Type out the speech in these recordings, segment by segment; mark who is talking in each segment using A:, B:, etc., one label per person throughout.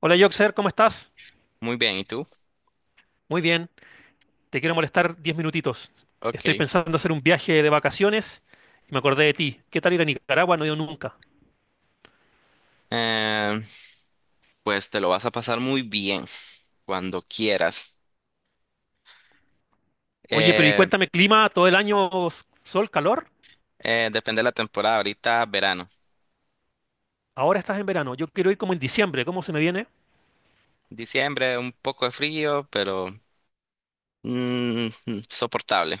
A: Hola Joxer, ¿cómo estás?
B: Muy bien, ¿y tú?
A: Muy bien, te quiero molestar 10 minutitos. Estoy
B: Ok.
A: pensando hacer un viaje de vacaciones y me acordé de ti. ¿Qué tal ir a Nicaragua? No he ido nunca.
B: Eh, pues te lo vas a pasar muy bien cuando quieras.
A: Oye, pero y
B: Eh,
A: cuéntame, clima todo el año, sol, calor.
B: Depende de la temporada, ahorita verano.
A: Ahora estás en verano, yo quiero ir como en diciembre, ¿cómo se me viene?
B: Diciembre, un poco de frío, pero mm, soportable.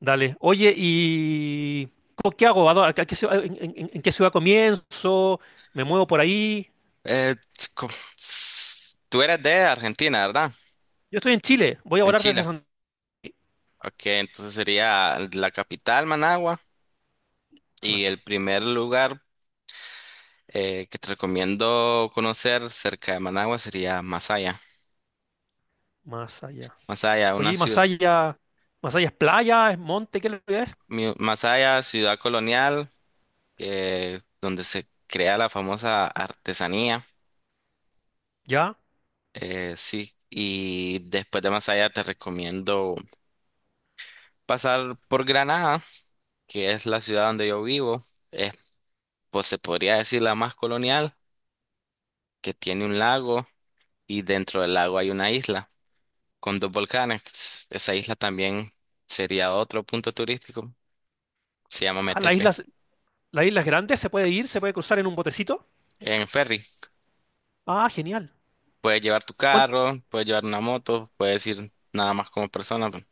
A: Dale. Oye, ¿y qué hago? A qué en qué ciudad comienzo? ¿Me muevo por ahí?
B: Eh, co- Tú eres de Argentina, ¿verdad?
A: Yo estoy en Chile, voy a
B: En
A: volar desde
B: Chile.
A: Santa
B: Ok, entonces sería la capital, Managua,
A: Ana,
B: y el primer lugar que te recomiendo conocer cerca de Managua sería Masaya.
A: más allá.
B: Masaya,
A: Oye,
B: una
A: ¿y
B: ciudad.
A: Masaya? ¿Masaya es playa? ¿Es monte? ¿Qué es? ¿Lo que es?
B: Masaya, ciudad colonial, donde se crea la famosa artesanía.
A: ¿Ya?
B: Sí, y después de Masaya te recomiendo pasar por Granada, que es la ciudad donde yo vivo. Es, pues se podría decir la más colonial, que tiene un lago y dentro del lago hay una isla con dos volcanes. Esa isla también sería otro punto turístico. Se llama
A: Ah,
B: Metepe,
A: las islas grandes se puede ir, se puede cruzar en un botecito.
B: en ferry.
A: Ah, genial.
B: Puedes llevar tu
A: Cuán-
B: carro, puedes llevar una moto, puedes ir nada más como persona.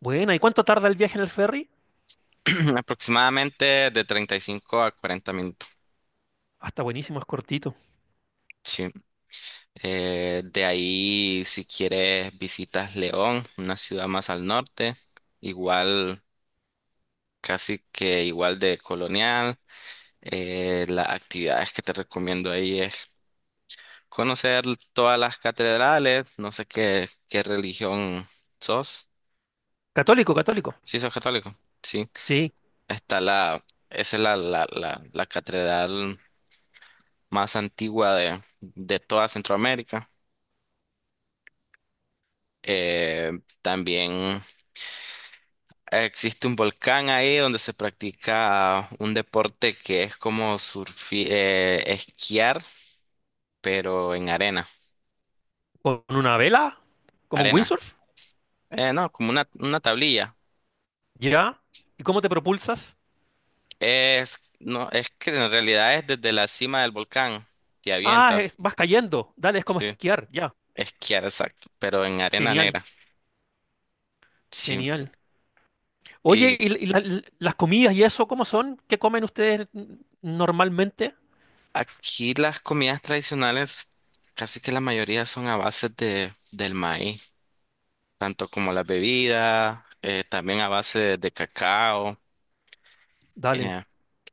A: Buena, ¿y cuánto tarda el viaje en el ferry?
B: Aproximadamente de 35 a 40 minutos.
A: Ah, está buenísimo, es cortito.
B: Sí. De ahí, si quieres, visitas León, una ciudad más al norte, igual, casi que igual de colonial. Las actividades que te recomiendo ahí es conocer todas las catedrales, no sé qué, qué religión sos.
A: Católico, católico.
B: Sí, sos católico. Sí.
A: Sí.
B: Está la, Esa es la catedral más antigua de toda Centroamérica. Eh, También existe un volcán ahí donde se practica un deporte que es como esquiar, pero en arena.
A: ¿Con una vela? ¿Como un
B: Arena.
A: windsurf?
B: No, como una tablilla.
A: Ya. ¿Y cómo te propulsas?
B: No, es que en realidad es desde la cima del volcán. Te
A: Ah,
B: avientas.
A: vas cayendo. Dale, es como
B: Sí.
A: esquiar. Ya.
B: Esquiar, exacto. Pero en arena
A: Genial,
B: negra. Sí.
A: genial. Oye, ¿y, las comidas y eso, cómo son? ¿Qué comen ustedes normalmente?
B: Aquí las comidas tradicionales, casi que la mayoría son a base del maíz, tanto como las bebidas, también a base de cacao.
A: Dale.
B: eh,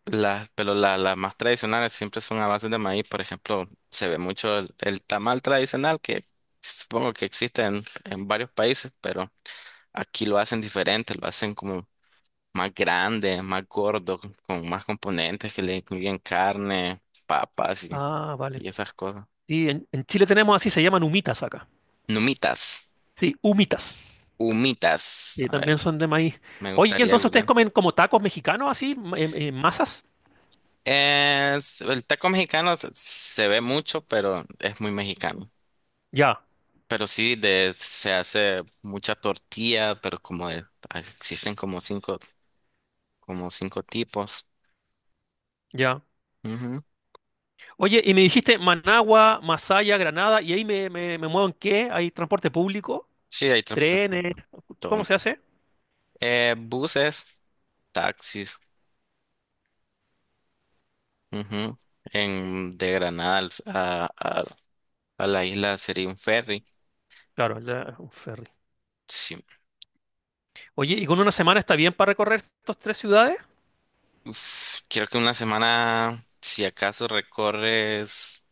B: las más tradicionales siempre son a base de maíz. Por ejemplo, se ve mucho el tamal tradicional, que supongo que existe en varios países, pero aquí lo hacen diferente, lo hacen como más grande, más gordo, con más componentes que le incluyen carne, papas y,
A: Ah, vale.
B: y esas cosas.
A: Sí, en Chile tenemos así, se llaman humitas acá.
B: Numitas.
A: Sí, humitas.
B: Humitas.
A: Y
B: A ver,
A: también son de maíz.
B: me
A: Oye,
B: gustaría
A: entonces ustedes
B: googlear.
A: comen como tacos mexicanos así, en masas.
B: El taco mexicano se ve mucho, pero es muy mexicano.
A: Ya,
B: Pero sí, se hace mucha tortilla, pero existen como cinco tipos.
A: ya.
B: Ujú.
A: Oye, y me dijiste Managua, Masaya, Granada, y ahí me muevo en qué? ¿Hay transporte público?
B: Sí, hay transporte
A: ¿Trenes?
B: público. Todo.
A: ¿Cómo se hace?
B: Buses, taxis. Ujú. De Granada a la isla sería un ferry.
A: Claro, un ferry.
B: Sí.
A: Oye, ¿y con una semana está bien para recorrer estas tres ciudades?
B: Uf, creo que una semana, si acaso recorres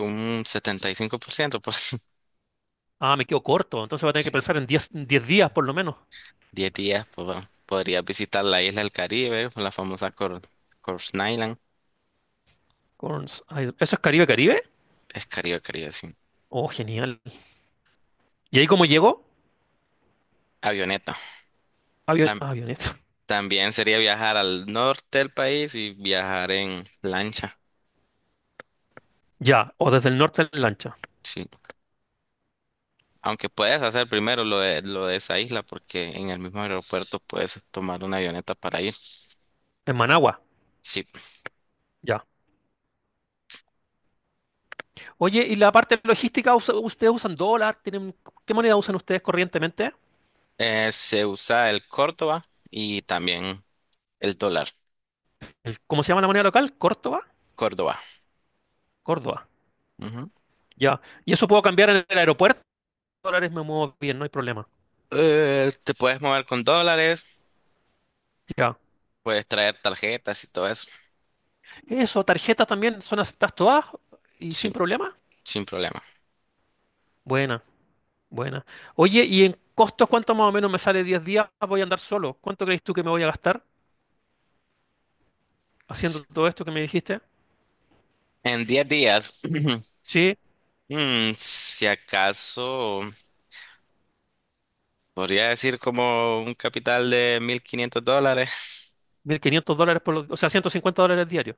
B: un 75%, pues
A: Ah, me quedo corto, entonces voy a tener que pensar en 10 10 días por lo menos.
B: 10 días, pues bueno, podrías visitar la isla del Caribe, la famosa Corse Island,
A: ¿Eso es Caribe, Caribe?
B: es Caribe, Caribe, sí.
A: Oh, genial. ¿Y ahí cómo llego?
B: Avioneta.
A: Avión,
B: Tam-
A: avioneta.
B: También sería viajar al norte del país y viajar en lancha,
A: Ya, o desde el norte en lancha.
B: sí. Aunque puedes hacer primero lo de esa isla, porque en el mismo aeropuerto puedes tomar una avioneta para ir.
A: En Managua.
B: Sí.
A: Ya. Oye, ¿y la parte logística, ustedes usan dólar? ¿Tienen, qué moneda usan ustedes corrientemente?
B: Se usa el Córdoba y también. El dólar,
A: ¿Cómo se llama la moneda local? ¿Córdoba?
B: Córdoba.
A: Córdoba.
B: Ujú.
A: Ya. Y eso puedo cambiar en el aeropuerto. Dólares me muevo bien, no hay problema.
B: Te puedes mover con dólares,
A: Ya.
B: puedes traer tarjetas y todo eso,
A: Eso, tarjetas también son aceptadas todas y
B: sin,
A: sin problema.
B: sin problema.
A: Buena, buena. Oye, ¿y en costos cuánto más o menos me sale 10 días? Voy a andar solo. ¿Cuánto crees tú que me voy a gastar haciendo todo esto que me dijiste?
B: En 10 días,
A: Sí,
B: si acaso, podría decir como un capital de $1,500.
A: 1500 dólares por los, o sea, 150 dólares diarios.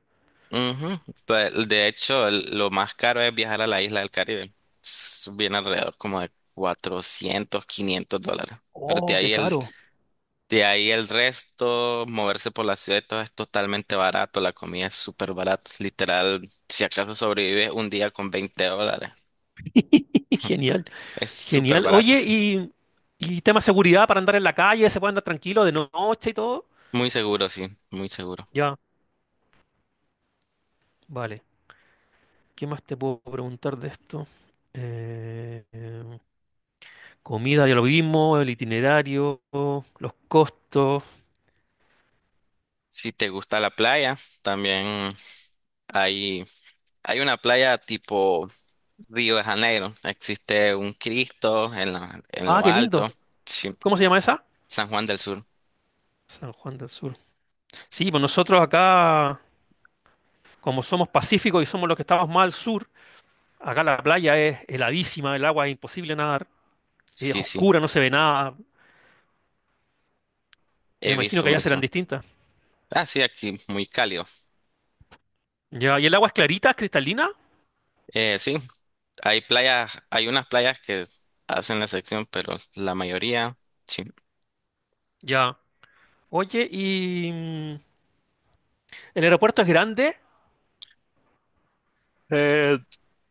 B: Ujú. Pues, de hecho, lo más caro es viajar a la isla del Caribe. Viene alrededor como de $400, $500. Pero de
A: Oh, qué
B: ahí el,
A: caro.
B: De ahí el resto, moverse por la ciudad y todo es totalmente barato, la comida es súper barata, literal, si acaso sobrevives un día con $20,
A: Genial.
B: es súper
A: Genial.
B: barato,
A: Oye,
B: sí.
A: y tema seguridad para andar en la calle, se puede andar tranquilo de noche y todo.
B: Muy seguro, sí, muy seguro.
A: Ya, vale. ¿Qué más te puedo preguntar de esto? Eh, em, comida, ya lo vimos, el itinerario, los costos.
B: Si te gusta la playa, también hay, hay una playa tipo Río de Janeiro, existe un Cristo en
A: Ah,
B: lo
A: qué
B: alto,
A: lindo.
B: sí,
A: ¿Cómo se llama esa?
B: San Juan del Sur,
A: San Juan del Sur. Sí, pues nosotros acá, como somos pacíficos y somos los que estamos más al sur, acá la playa es heladísima, el agua es imposible nadar, es
B: sí, sí,
A: oscura, no se ve nada. Me
B: he
A: imagino
B: visto
A: que allá serán
B: mucho.
A: distintas.
B: Ah, sí, aquí muy cálido.
A: Ya, ¿y el agua es clarita, es cristalina?
B: Sí, hay playas, hay unas playas que hacen la sección, pero la mayoría, sí.
A: Ya. Oye, ¿y el aeropuerto es grande?
B: Eh,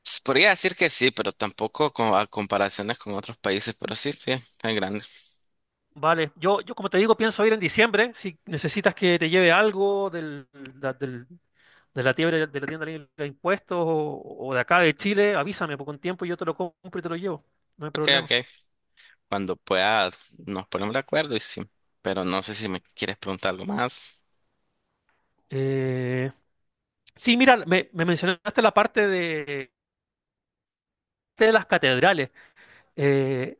B: Se podría decir que sí, pero tampoco a comparaciones con otros países, pero sí, sí, es grande.
A: Vale, yo como te digo, pienso ir en diciembre. Si necesitas que te lleve algo del, la- del- de la tienda libre de impuestos o de acá de Chile, avísame por con tiempo y yo te lo compro y te lo llevo. No hay
B: Ok,
A: problema.
B: ok. Cuando pueda, nos ponemos de acuerdo y sí. Pero no sé si me quieres preguntar algo más.
A: Eh, sí, mira, me mencionaste la parte de las catedrales. Eh,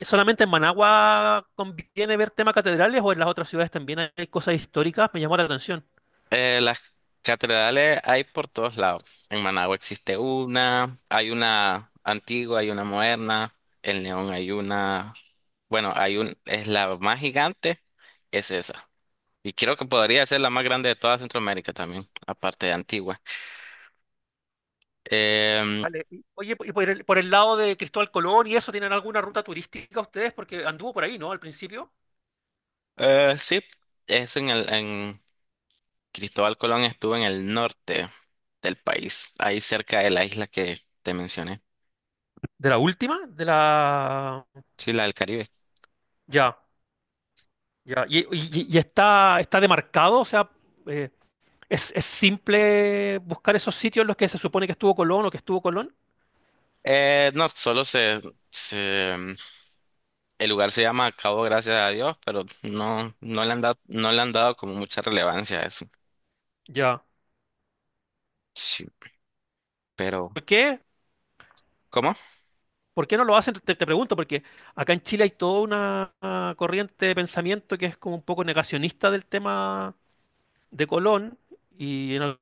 A: ¿Solamente en Managua conviene ver temas catedrales o en las otras ciudades también hay cosas históricas? Me llamó la atención.
B: Las catedrales hay por todos lados. En Managua existe una, hay una antigua, hay una moderna. En León hay una, bueno, hay un, es la más gigante, es esa. Y creo que podría ser la más grande de toda Centroamérica también, aparte de Antigua. Em,
A: Vale. Oye, y por el lado de Cristóbal Colón y eso, ¿tienen alguna ruta turística ustedes? Porque anduvo por ahí, ¿no? Al principio.
B: sí, es en el, en Cristóbal Colón estuvo en el norte del país, ahí cerca de la isla que te mencioné.
A: ¿De la última? De la...
B: Sí, la del Caribe.
A: Ya, ya. ¿Y, y está, está demarcado? O sea, eh, es simple buscar esos sitios en los que se supone que estuvo Colón o que estuvo Colón?
B: No, se, el lugar se llama Cabo Gracias a Dios, pero no, no le han dado como mucha relevancia a eso.
A: Ya.
B: Sí, pero,
A: ¿Por qué?
B: ¿cómo?
A: ¿Por qué no lo hacen? Te pregunto, porque acá en Chile hay toda una corriente de pensamiento que es como un poco negacionista del tema de Colón y en el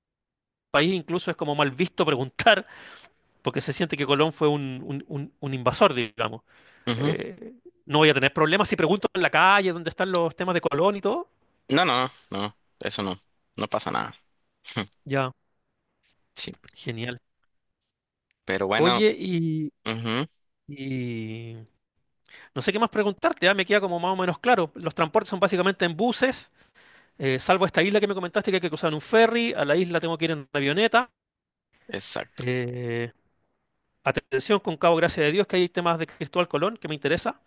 A: país incluso es como mal visto preguntar porque se siente que Colón fue un, un invasor, digamos.
B: Ujú.
A: Eh, no voy a tener problemas si pregunto en la calle dónde están los temas de Colón y todo.
B: No, no, no, eso no pasa nada.
A: Ya,
B: Sí,
A: genial.
B: pero bueno,
A: Oye,
B: ujú,
A: y no sé qué más preguntarte, ya me queda como más o menos claro. Los transportes son básicamente en buses. Salvo esta isla que me comentaste que hay que cruzar en un ferry, a la isla tengo que ir en avioneta.
B: exacto.
A: Eh, atención con Cabo Gracia de Dios, que hay temas de Cristóbal Colón que me interesa.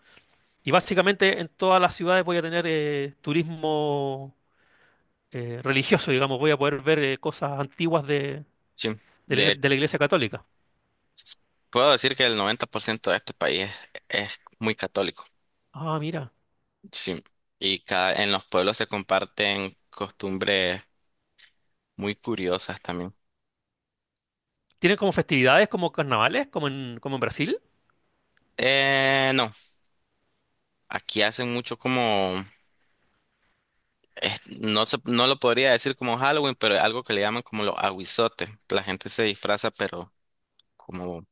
A: Y básicamente en todas las ciudades voy a tener turismo religioso, digamos, voy a poder ver cosas antiguas de,
B: Sí. De,
A: de la Iglesia Católica.
B: Puedo decir que el 90% de este país es muy católico.
A: Ah, mira.
B: Sí. Y en los pueblos se comparten costumbres muy curiosas también.
A: ¿Tienen como festividades, como carnavales, como en, como en Brasil?
B: No, aquí hacen mucho como, no lo podría decir como Halloween, pero es algo que le llaman como los aguizotes. La gente se disfraza, pero como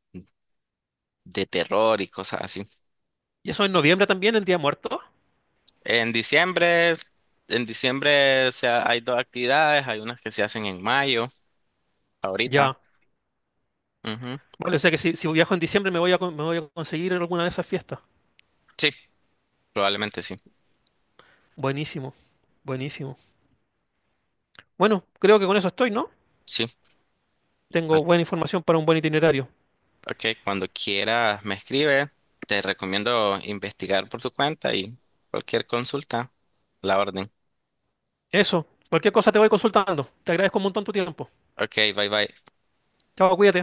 B: de terror y cosas así.
A: ¿Y eso en noviembre también, en Día Muerto?
B: En diciembre, en diciembre, o sea, hay dos actividades, hay unas que se hacen en mayo. Ahorita.
A: Ya.
B: Ujú.
A: Vale, o sea que si, si viajo en diciembre me voy a, me voy a conseguir en alguna de esas fiestas.
B: Sí, probablemente sí.
A: Buenísimo, buenísimo. Bueno, creo que con eso estoy, ¿no?
B: Sí. Al-
A: Tengo buena información para un buen itinerario.
B: Ok, cuando quiera me escribe. Te recomiendo investigar por tu cuenta y cualquier consulta, la orden.
A: Eso, cualquier cosa te voy consultando. Te agradezco un montón tu tiempo.
B: Ok, bye bye.
A: Chao, cuídate.